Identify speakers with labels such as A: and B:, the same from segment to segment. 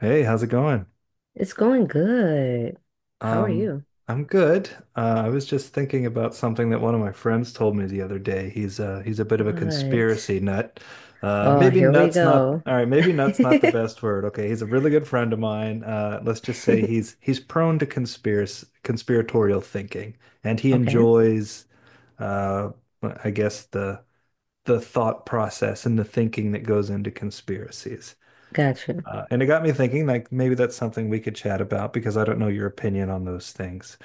A: Hey, how's it going?
B: It's going good. How are
A: Um,
B: you?
A: I'm good. I was just thinking about something that one of my friends told me the other day. He's a bit of a
B: What?
A: conspiracy nut.
B: Oh,
A: Maybe
B: here we
A: nuts not
B: go.
A: all right, maybe nuts not the best word. Okay, he's a really good friend of mine. Let's just say he's prone to conspiracy conspiratorial thinking, and he
B: Okay,
A: enjoys uh I guess the thought process and the thinking that goes into conspiracies.
B: gotcha.
A: And it got me thinking, like maybe that's something we could chat about because I don't know your opinion on those things.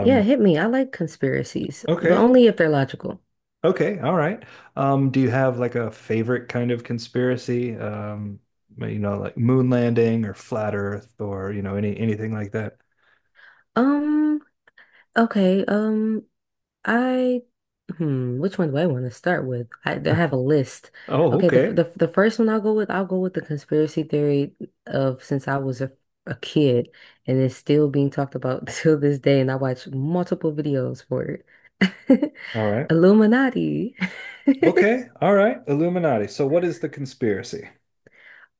B: Yeah, hit me. I like conspiracies, but
A: okay,
B: only if they're logical.
A: okay, all right. Do you have like a favorite kind of conspiracy? You know, like moon landing or flat Earth or you know anything like that?
B: Um, okay, um, I, hmm, which one do I want to start with? I have a list.
A: Oh,
B: Okay, the,
A: okay,
B: the the first one I'll go with the conspiracy theory of since I was a kid, and it's still being talked about till this day, and I watch multiple videos for it.
A: all right,
B: Illuminati.
A: okay, all right. Illuminati. So, what is the conspiracy?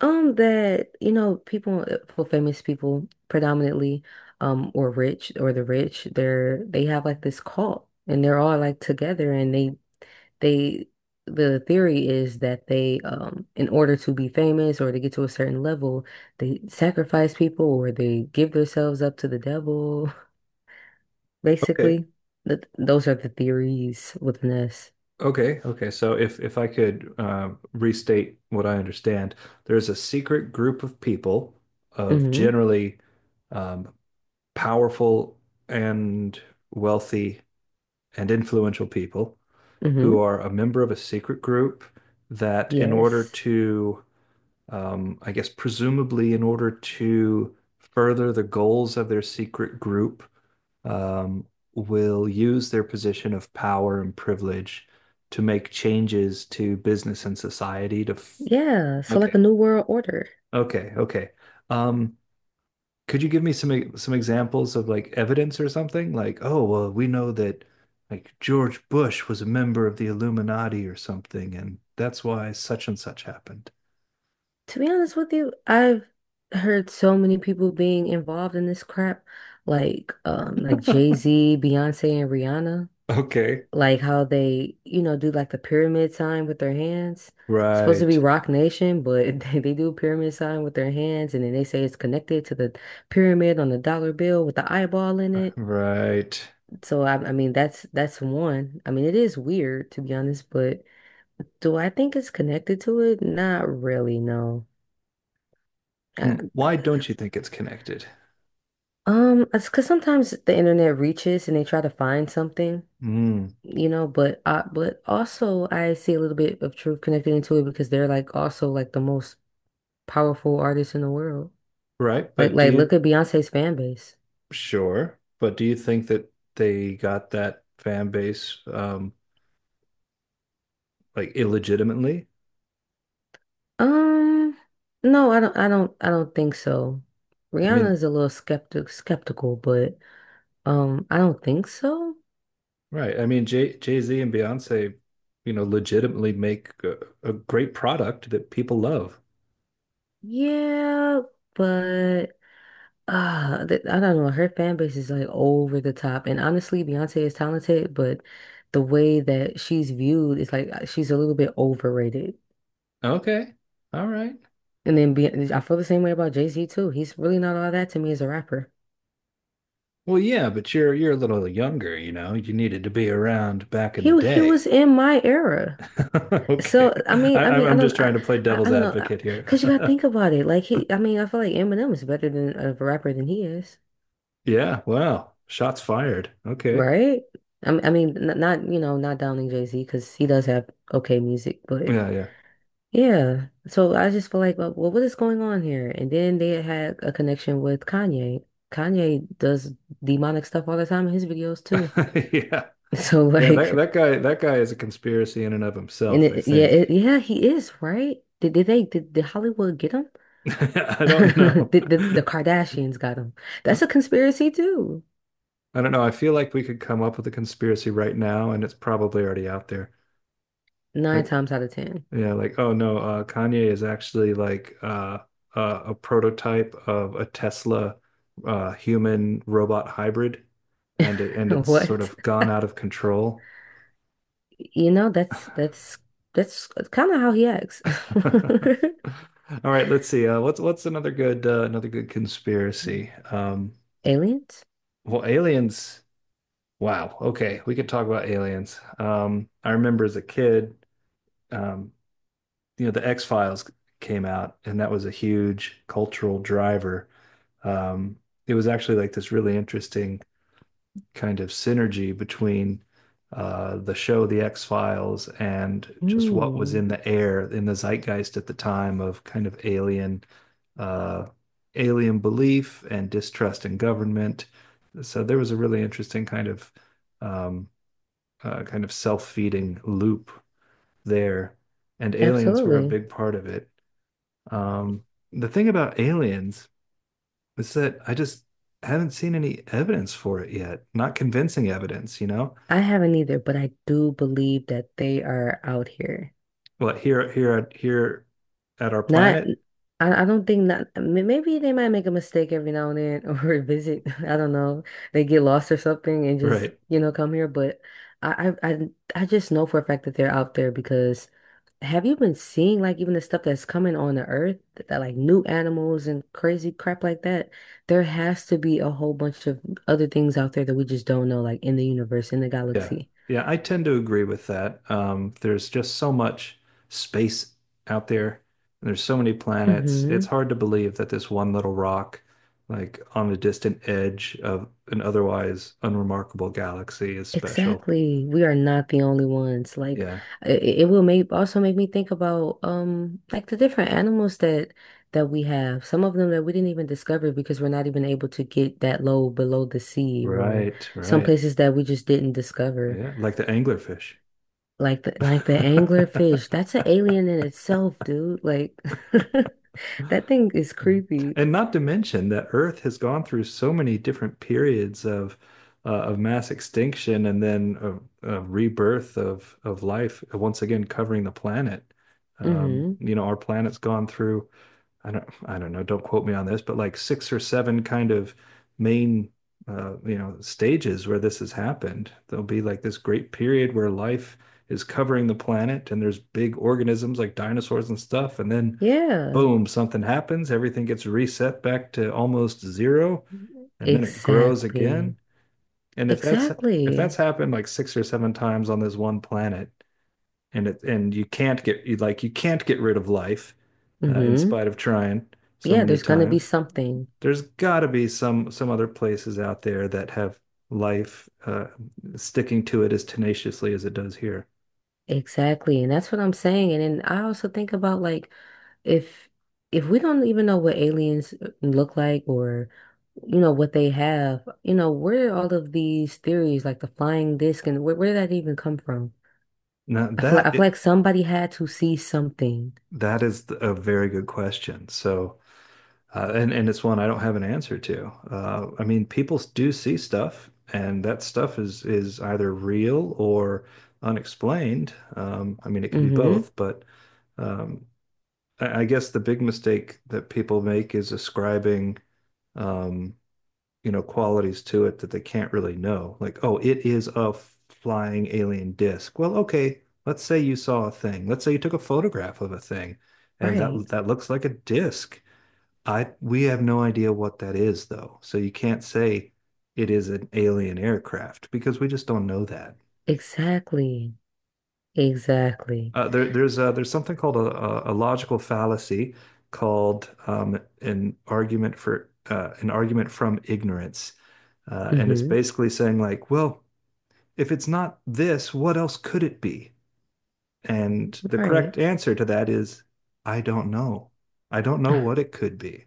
B: That, you know, people, well, famous people predominantly, or rich or the rich, they have like this cult and they're all like together and they, the theory is that they, in order to be famous or to get to a certain level, they sacrifice people or they give themselves up to the devil. Basically, that those are the theories within us.
A: Okay, okay. So if I could restate what I understand, there's a secret group of people of
B: Mm-hmm.
A: generally um, powerful and wealthy and influential people who
B: Mm-hmm.
A: are a member of a secret group that, in order
B: Yes.
A: to I guess presumably in order to further the goals of their secret group, um, will use their position of power and privilege to make changes to business and society to f
B: Yeah, so like
A: okay,
B: a new world order.
A: okay, okay. Um, could you give me some some examples of like evidence or something? Like, oh, well, we know that like George Bush was a member of the Illuminati or something, and that's why such and such happened.
B: To be honest with you, I've heard so many people being involved in this crap, like Jay-Z, Beyonce, and Rihanna,
A: Okay,
B: like how they, you know, do like the pyramid sign with their hands. It's supposed to be
A: right.
B: Rock Nation, but they do a pyramid sign with their hands and then they say it's connected to the pyramid on the dollar bill with the eyeball in it.
A: Right.
B: So I mean that's one. I mean it is weird to be honest, but do I think it's connected to it? Not really, no. Uh,
A: Mm, why don't you think it's connected?
B: it's because sometimes the internet reaches and they try to find something,
A: Mm.
B: you know, but I, but also I see a little bit of truth connected into it because they're like also like the most powerful artists in the world.
A: Right.
B: Like
A: But
B: like look at Beyonce's fan base.
A: sure. But do you think that they got that fan base like illegitimately?
B: Um, no, I don't think so.
A: I
B: Rihanna
A: mean,
B: is a little skeptical, but I don't think so.
A: right. I mean, Jay-Z and Beyonce, you know, legitimately make a great product that people love.
B: Yeah, but Ah, th I don't know. Her fan base is like over the top, and honestly, Beyonce is talented, but the way that she's viewed is like she's a little bit overrated.
A: Okay. All right.
B: And then Be I feel the same way about Jay-Z too. He's really not all that to me as a rapper.
A: Well, yeah, but you're a little younger, you know. You needed to be around back in the
B: He
A: day.
B: was in my era,
A: Okay.
B: so
A: I'm just trying to play
B: I
A: devil's
B: don't know,
A: advocate
B: cause you gotta
A: here.
B: think about it. Like I mean, I feel like Eminem is better than of a rapper than he is,
A: Yeah, wow. Shots fired. Okay.
B: right? Not you know, not downing Jay-Z because he does have okay music, but.
A: Yeah, yeah.
B: Yeah. So I just feel like, well, what is going on here? And then they had a connection with Kanye. Kanye does demonic stuff all the time in his videos too.
A: Yeah.
B: So
A: Yeah,
B: like,
A: that guy is a conspiracy in and of
B: and
A: himself, I
B: it,
A: think.
B: yeah, he is, right? Did Hollywood get him?
A: I don't know.
B: Did the Kardashians got him? That's a conspiracy too.
A: I don't know. I feel like we could come up with a conspiracy right now and it's probably already out there.
B: Nine
A: Like
B: times out of ten.
A: yeah, like oh no, Kanye is actually like a prototype of a Tesla human robot hybrid and it's sort
B: What?
A: of gone out of control.
B: You know, that's kind of how he acts.
A: All right, let's see. What's another good conspiracy?
B: Aliens?
A: Well, aliens. Wow. Okay, we could talk about aliens. I remember as a kid, um, you know, the X-Files came out, and that was a huge cultural driver. Um, it was actually like this really interesting kind of synergy between the show The X-Files and just what was
B: Hmm.
A: in the air in the zeitgeist at the time of kind of alien uh, alien belief and distrust in government. So there was a really interesting um, kind of self-feeding loop there, and aliens were a
B: Absolutely.
A: big part of it. Um, the thing about aliens is that I just haven't seen any evidence for it yet, not convincing evidence, you know?
B: I haven't either, but I do believe that they are out here.
A: What here at our
B: Not,
A: planet?
B: I don't think not, maybe they might make a mistake every now and then or visit. I don't know. They get lost or something and just,
A: Right.
B: you know, come here. But I, I, I, I just know for a fact that they're out there because have you been seeing like even the stuff that's coming on the earth like new animals and crazy crap like that? There has to be a whole bunch of other things out there that we just don't know, like in the universe, in the
A: Yeah.
B: galaxy.
A: Yeah, I tend to agree with that. There's just so much space out there, and there's so many planets. It's
B: Hmm.
A: hard to believe that this one little rock, like on a distant edge of an otherwise unremarkable galaxy, is special.
B: Exactly. We are not the only ones. Like
A: Yeah.
B: it will make also make me think about like the different animals that we have. Some of them that we didn't even discover because we're not even able to get that low below the sea or
A: Right,
B: some
A: right.
B: places that we just didn't discover.
A: Yeah, like the anglerfish.
B: Like the anglerfish. That's an alien in itself, dude. Like that thing is creepy.
A: And not to mention that Earth has gone through so many different periods of mass extinction and then of rebirth of life, once again covering the planet.
B: Hmm.
A: You know, our planet's gone through I don't know, don't quote me on this, but like six or seven kind of main you know, stages where this has happened. There'll be like this great period where life is covering the planet and there's big organisms like dinosaurs and stuff, and then
B: Yeah.
A: boom, something happens, everything gets reset back to almost zero, and then it grows
B: Exactly.
A: again. And if that's
B: Exactly.
A: happened like six or seven times on this one planet, and you can't get you like you can't get rid of life in
B: Hmm.
A: spite of trying so
B: Yeah,
A: many
B: there's gonna be
A: times.
B: something.
A: There's got to be some other places out there that have life sticking to it as tenaciously as it does here.
B: Exactly. And that's what I'm saying. And then I also think about like if if we don't even know what aliens look like or you know what they have, you know, where are all of these theories like the flying disc and where did that even come from?
A: Now
B: I
A: that
B: feel
A: it,
B: like somebody had to see something.
A: that is a very good question. So and it's one I don't have an answer to. I mean, people do see stuff, and that stuff is either real or unexplained. I mean, it could be
B: Mm-hmm.
A: both, but um, I guess the big mistake that people make is ascribing, um, you know, qualities to it that they can't really know. Like, oh, it is a flying alien disc. Well, okay, let's say you saw a thing. Let's say you took a photograph of a thing, and
B: Right.
A: that looks like a disc. I We have no idea what that is though. So you can't say it is an alien aircraft because we just don't know that.
B: Exactly. Exactly.
A: There's there's something called a logical fallacy called an argument for an argument from ignorance, and it's
B: Mm-hmm.
A: basically saying like, well, if it's not this, what else could it be? And the
B: Right.
A: correct answer to that is I don't know. I don't know what it could be.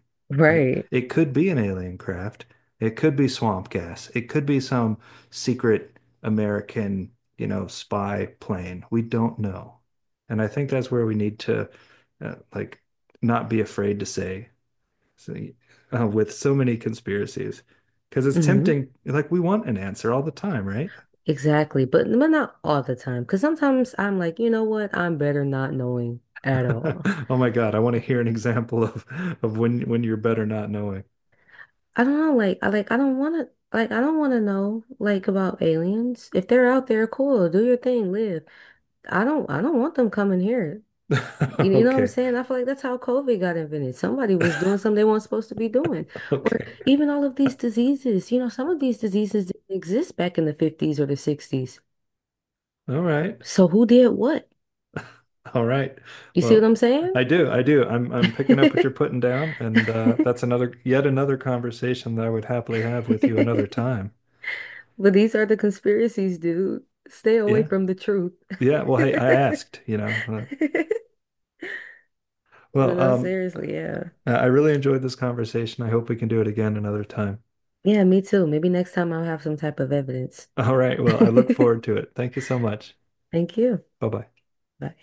A: Like
B: Right.
A: it could be an alien craft. It could be swamp gas. It could be some secret American, you know, spy plane. We don't know. And I think that's where we need to like not be afraid to say so, with so many conspiracies because it's
B: Mhm.
A: tempting like we want an answer all the time, right?
B: Exactly, but not all the time. Cause sometimes I'm like, you know what? I'm better not knowing at all.
A: Oh my God, I want to hear an example of when you're better not knowing.
B: I don't know, I don't wanna I don't wanna know like about aliens. If they're out there, cool, do your thing, live. I don't want them coming here. You know what I'm
A: Okay.
B: saying? I feel like that's how COVID got invented. Somebody was doing something they weren't supposed to be doing. Or
A: Okay.
B: even all of these diseases, you know, some of these diseases didn't exist back in the 50s or the 60s.
A: All right.
B: So who did what?
A: All right.
B: You see what
A: Well,
B: I'm saying?
A: I do. I do. I'm picking up what you're putting down, and that's another yet another conversation that I would happily have with you another time.
B: But these are the conspiracies, dude. Stay away
A: Yeah.
B: from the truth.
A: Yeah. Well, hey, I asked, you know.
B: But
A: Well,
B: no,
A: um,
B: seriously, yeah.
A: I really enjoyed this conversation. I hope we can do it again another time.
B: Yeah, me too. Maybe next time I'll have some type of evidence.
A: All right. Well, I look
B: Thank
A: forward to it. Thank you so much.
B: you.
A: Bye-bye.
B: Bye.